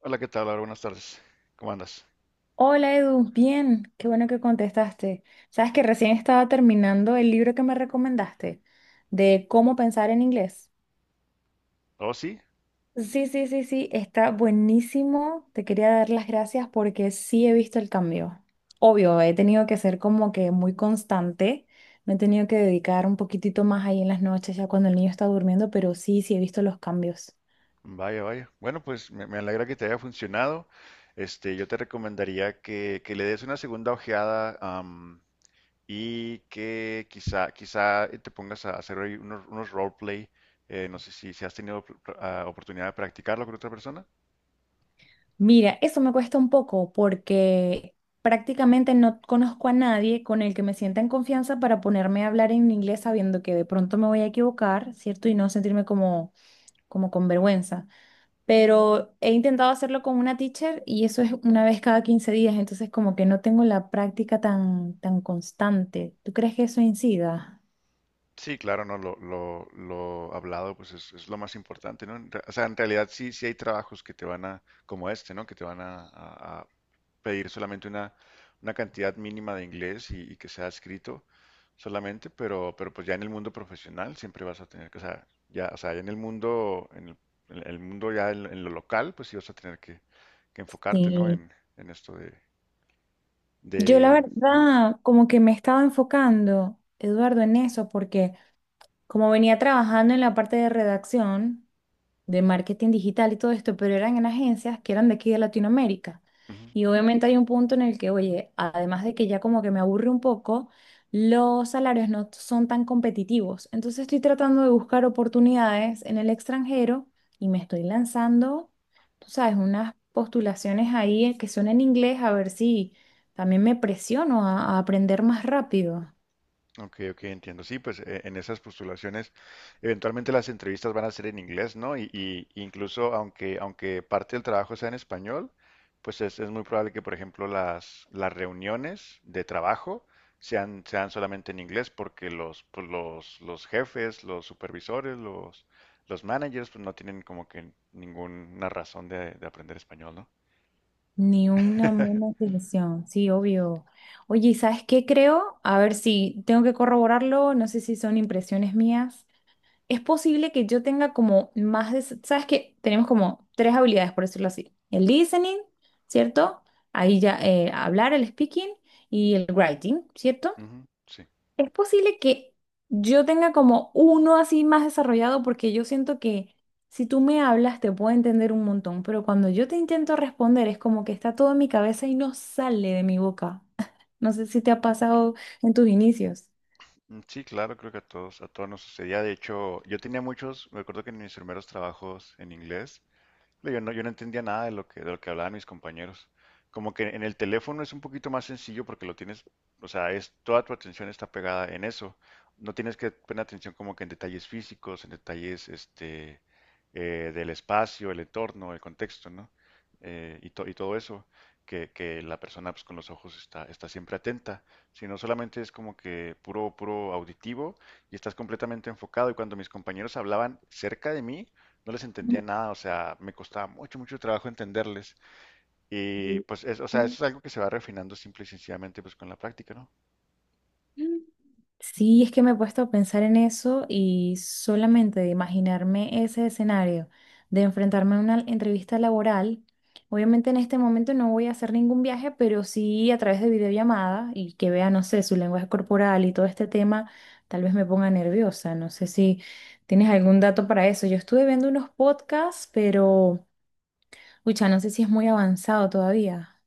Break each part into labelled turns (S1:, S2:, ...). S1: Hola, ¿qué tal, Laura? Buenas tardes. ¿Cómo andas?
S2: Hola Edu, bien, qué bueno que contestaste. Sabes que recién estaba terminando el libro que me recomendaste de cómo pensar en inglés.
S1: Oh, sí,
S2: Sí, sí, sí, sí, está buenísimo. Te quería dar las gracias porque sí he visto el cambio. Obvio, he tenido que ser como que muy constante. Me he tenido que dedicar un poquitito más ahí en las noches, ya cuando el niño está durmiendo, pero sí, sí he visto los cambios.
S1: vaya, vaya. Bueno, pues me alegra que te haya funcionado. Este, yo te recomendaría que le des una segunda ojeada, y que quizá, te pongas a hacer ahí unos roleplay. No sé si has tenido oportunidad de practicarlo con otra persona.
S2: Mira, eso me cuesta un poco porque prácticamente no conozco a nadie con el que me sienta en confianza para ponerme a hablar en inglés sabiendo que de pronto me voy a equivocar, ¿cierto? Y no sentirme como, como con vergüenza. Pero he intentado hacerlo con una teacher y eso es una vez cada 15 días, entonces como que no tengo la práctica tan, tan constante. ¿Tú crees que eso incida?
S1: Sí, claro, no, lo hablado pues es lo más importante, ¿no? O sea, en realidad sí, sí hay trabajos que te van a, como este, ¿no? Que te van a pedir solamente una cantidad mínima de inglés y que sea escrito solamente, pero pues ya en el mundo profesional siempre vas a tener que, o sea, ya en el mundo, en el mundo ya en lo local, pues sí vas a tener que enfocarte, ¿no?
S2: Sí.
S1: En esto
S2: Yo la
S1: de, ujú,
S2: verdad como que me estaba enfocando, Eduardo, en eso porque... como venía trabajando en la parte de redacción, de marketing digital y todo esto, pero eran en agencias que eran de aquí de Latinoamérica.
S1: ujú.
S2: Y obviamente hay un punto en el que, oye, además de que ya como que me aburre un poco, los salarios no son tan competitivos. Entonces estoy tratando de buscar oportunidades en el extranjero y me estoy lanzando, tú sabes, unas postulaciones ahí que son en inglés, a ver si también me presiono a aprender más rápido.
S1: Ok, ok, entiendo. Sí, pues en esas postulaciones, eventualmente las entrevistas van a ser en inglés, ¿no? Y incluso aunque, aunque parte del trabajo sea en español, pues es muy probable que, por ejemplo, las reuniones de trabajo sean, sean solamente en inglés, porque los, pues, los jefes, los supervisores, los managers, pues no tienen como que ninguna razón de aprender español, ¿no?
S2: Ni una mala intención, sí, obvio. Oye, ¿y ¿sabes qué creo? A ver si tengo que corroborarlo, no sé si son impresiones mías. Es posible que yo tenga como más de... ¿Sabes qué? Tenemos como tres habilidades, por decirlo así. El listening, ¿cierto? Ahí ya hablar, el speaking y el writing, ¿cierto?
S1: Ujú, sí.
S2: Es posible que yo tenga como uno así más desarrollado porque yo siento que si tú me hablas te puedo entender un montón, pero cuando yo te intento responder es como que está todo en mi cabeza y no sale de mi boca. No sé si te ha pasado en tus inicios.
S1: Sí, claro, creo que a a todos nos sucedía. De hecho, yo tenía muchos, me acuerdo que en mis primeros trabajos en inglés, yo no entendía nada de lo de lo que hablaban mis compañeros. Como que en el teléfono es un poquito más sencillo porque lo tienes, o sea, es toda tu atención está pegada en eso. No tienes que poner atención como que en detalles físicos, en detalles este, del espacio, el entorno, el contexto, ¿no? Y todo eso, que la persona pues, con los ojos está siempre atenta, sino solamente es como que puro auditivo y estás completamente enfocado. Y cuando mis compañeros hablaban cerca de mí, no les entendía nada, o sea, me costaba mucho trabajo entenderles. Y pues, es, o sea, eso es algo que se va refinando simple y sencillamente pues con la práctica, ¿no?
S2: Mm. Sí, es que me he puesto a pensar en eso y solamente de imaginarme ese escenario, de enfrentarme a una entrevista laboral. Obviamente en este momento no voy a hacer ningún viaje, pero sí a través de videollamada y que vea, no sé, su lenguaje corporal y todo este tema, tal vez me ponga nerviosa. No sé si tienes algún dato para eso. Yo estuve viendo unos podcasts, pero, ucha, no sé si es muy avanzado todavía.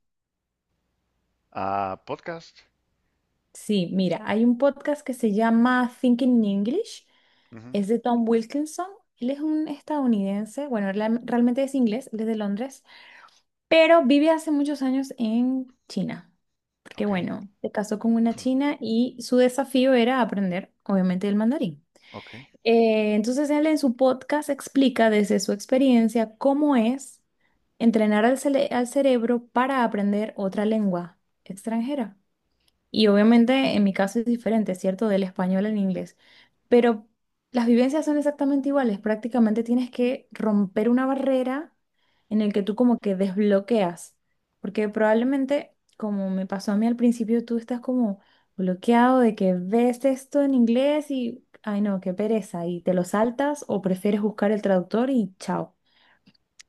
S1: Ah, podcast.
S2: Sí, mira, hay un podcast que se llama Thinking English,
S1: Ujú,
S2: es de Tom Wilkinson. Él es un estadounidense, bueno, realmente es inglés, él es de Londres, pero vive hace muchos años en China, porque
S1: ok,
S2: bueno, se casó con una china y su desafío era aprender, obviamente, el mandarín.
S1: ok,
S2: Entonces él en su podcast explica desde su experiencia cómo es entrenar al, al cerebro para aprender otra lengua extranjera. Y obviamente en mi caso es diferente, ¿cierto? Del español al inglés. Pero las vivencias son exactamente iguales. Prácticamente tienes que romper una barrera en el que tú como que desbloqueas. Porque probablemente, como me pasó a mí al principio, tú estás como bloqueado de que ves esto en inglés y, ay no, qué pereza. Y te lo saltas o prefieres buscar el traductor y chao,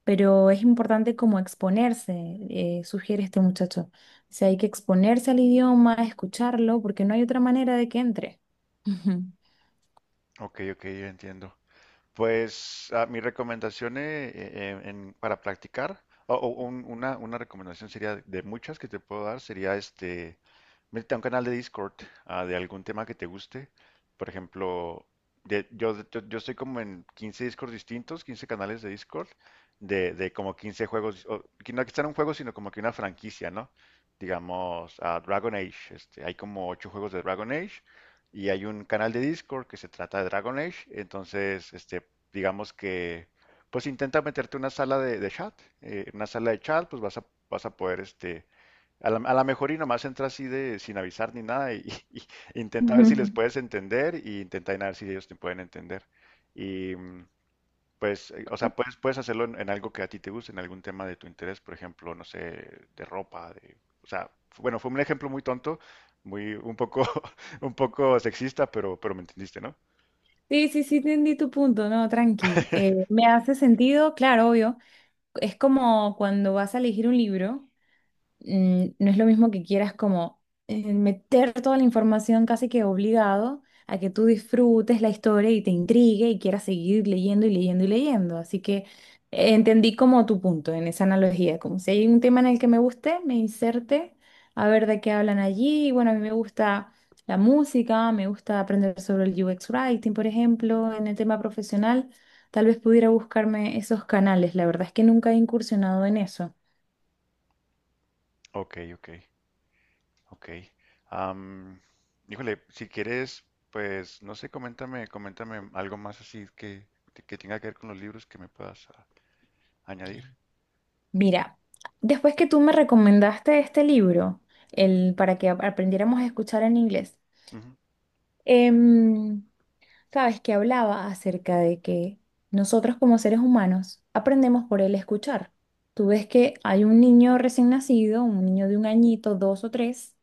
S2: pero es importante como exponerse, sugiere este muchacho. O sea, hay que exponerse al idioma, escucharlo, porque no hay otra manera de que entre. Ujú.
S1: ok, yo entiendo. Pues ah, mi recomendación en- para practicar, una recomendación sería de muchas que te puedo dar, sería este, métete a un canal de Discord, ah, de algún tema que te guste. Por ejemplo, yo estoy como en 15 Discord distintos, 15 canales de Discord, de como 15 juegos, o, que no que sean un juego, sino como que una franquicia, ¿no? Digamos, ah, Dragon Age, este, hay como 8 juegos de Dragon Age y hay un canal de Discord que se trata de Dragon Age, entonces, este, digamos que, pues intenta meterte una sala de chat, en una sala de chat, pues vas a, vas a poder, este, a la mejor y nomás entra así de, sin avisar ni nada, y, y y intenta ver si les
S2: Ujú.
S1: puedes entender, y intenta ver si ellos te pueden entender. Y mm, pues, o sea, puedes hacerlo en algo que a ti te guste, en algún tema de tu interés, por ejemplo, no sé, de ropa, de, o sea, bueno, fue un ejemplo muy tonto, muy, un poco, un poco sexista, pero me entendiste, ¿no?
S2: Sí, sí, sí, entendí tu punto, no, tranqui. Me hace sentido, claro, obvio. Es como cuando vas a elegir un libro. Mm, no es lo mismo que quieras como meter toda la información casi que obligado a que tú disfrutes la historia y te intrigue y quieras seguir leyendo y leyendo y leyendo. Así que entendí como tu punto en esa analogía, como si hay un tema en el que me guste, me inserte a ver de qué hablan allí. Y bueno, a mí me gusta la música, me gusta aprender sobre el UX Writing, por ejemplo, en el tema profesional. Tal vez pudiera buscarme esos canales. La verdad es que nunca he incursionado en eso.
S1: Ok, ok. Am, Híjole, si quieres, pues, no sé, coméntame, coméntame algo más así que tenga que ver con los libros que me puedas ah, añadir.
S2: Mira, después que tú me recomendaste este libro, el para que aprendiéramos a escuchar en inglés,
S1: Ujú,
S2: em, sabes que hablaba acerca de que nosotros como seres humanos aprendemos por el escuchar. Tú ves que hay un niño recién nacido, un niño de un añito, dos o tres,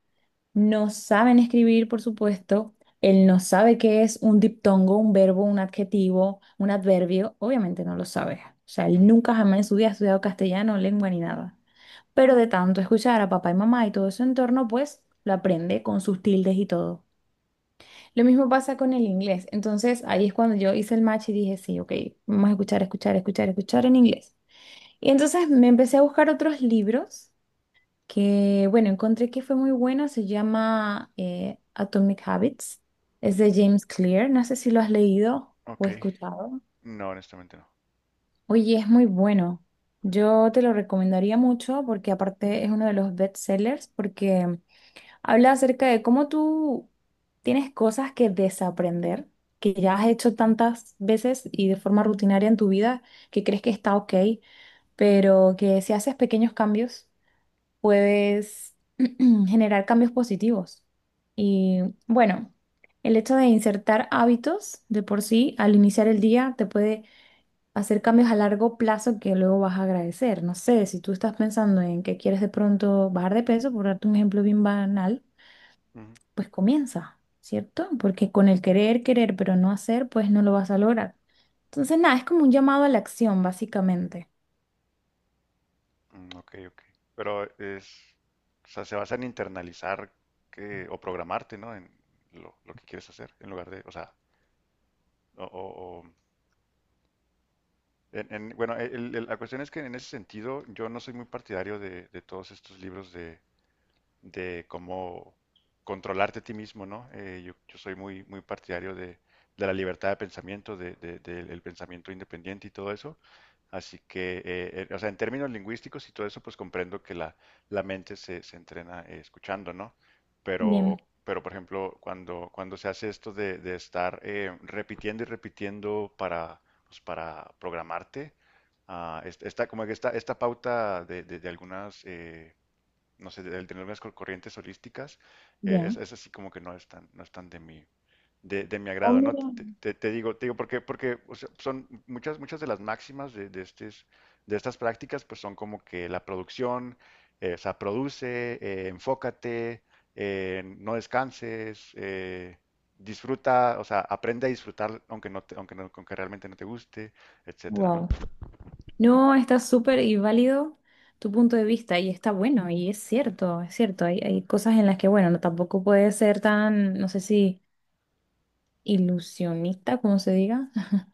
S2: no saben escribir, por supuesto. Él no sabe qué es un diptongo, un verbo, un adjetivo, un adverbio. Obviamente no lo sabe. O sea, él
S1: ujú.
S2: nunca jamás en su vida ha estudiado castellano, lengua ni nada. Pero de tanto escuchar a papá y mamá y todo su entorno, pues lo aprende con sus tildes y todo. Lo mismo pasa con el inglés. Entonces ahí es cuando yo hice el match y dije, sí, ok, vamos a escuchar, escuchar, escuchar, escuchar en inglés. Y entonces me empecé a buscar otros libros que, bueno, encontré que fue muy buena, se llama Atomic Habits, es de James Clear, no sé si lo has leído o
S1: Ok,
S2: escuchado.
S1: no, honestamente
S2: Oye, es muy bueno, yo te lo recomendaría mucho porque aparte es uno de los bestsellers porque habla acerca de cómo tú tienes cosas que desaprender, que ya has hecho tantas veces y de forma rutinaria en tu vida que crees que está ok, pero que si haces pequeños cambios puedes generar cambios positivos. Y bueno, el hecho de insertar hábitos de por sí al iniciar el día te puede hacer cambios a largo plazo que luego vas a agradecer. No sé, si tú estás pensando en que quieres de pronto bajar de peso, por darte un ejemplo bien banal,
S1: no.
S2: pues comienza, ¿cierto? Porque con el querer, querer, pero no hacer, pues no lo vas a lograr. Entonces, nada, es como un llamado a la acción, básicamente.
S1: Ok, ok. Pero es, o sea, se basa en internalizar que, o programarte, ¿no? En lo que quieres hacer, en lugar de, o sea, o, o- o- bueno, la cuestión es que en ese sentido yo no soy muy partidario de todos estos libros de cómo controlarte a ti mismo, ¿no? Yo soy muy partidario de la libertad de pensamiento, del pensamiento independiente y todo eso. Así que, o sea, en términos lingüísticos y todo eso, pues comprendo que la mente se entrena escuchando, ¿no?
S2: Bien,
S1: Pero, por ejemplo, cuando se hace esto de estar repitiendo y repitiendo para, pues, para programarte, esta, como que esta pauta de algunas no sé, el tener unas corrientes holísticas,
S2: ya.
S1: es así como que no es tan, no es tan de mi, de mi
S2: Oh,
S1: agrado, ¿no?
S2: mira.
S1: Te digo porque, porque o sea, son muchas, muchas de las máximas de estas prácticas, pues son como que la producción, o sea, produce, enfócate, no descanses, disfruta, o sea, aprende a disfrutar aunque realmente no te guste, etcétera, ¿no?
S2: Wow. No, está súper y válido tu punto de vista y está bueno y es cierto, es cierto. Hay cosas en las que, bueno, no, tampoco puede ser tan, no sé si ilusionista, como se diga.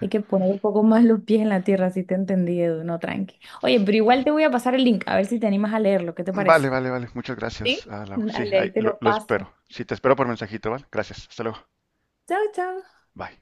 S2: Hay que poner un poco más los pies en la tierra, si te entendí, Edu, no, tranqui. Oye, pero igual te voy a pasar el link, a ver si te animas a leerlo, ¿qué te
S1: Vale,
S2: parece?
S1: vale. Muchas
S2: ¿Sí?
S1: gracias, ah, Lau. Sí,
S2: Dale,
S1: ahí,
S2: ahí te lo
S1: lo
S2: paso.
S1: espero. Sí, te espero por mensajito, ¿vale? Gracias. Hasta luego.
S2: Chao, chao.
S1: Bye.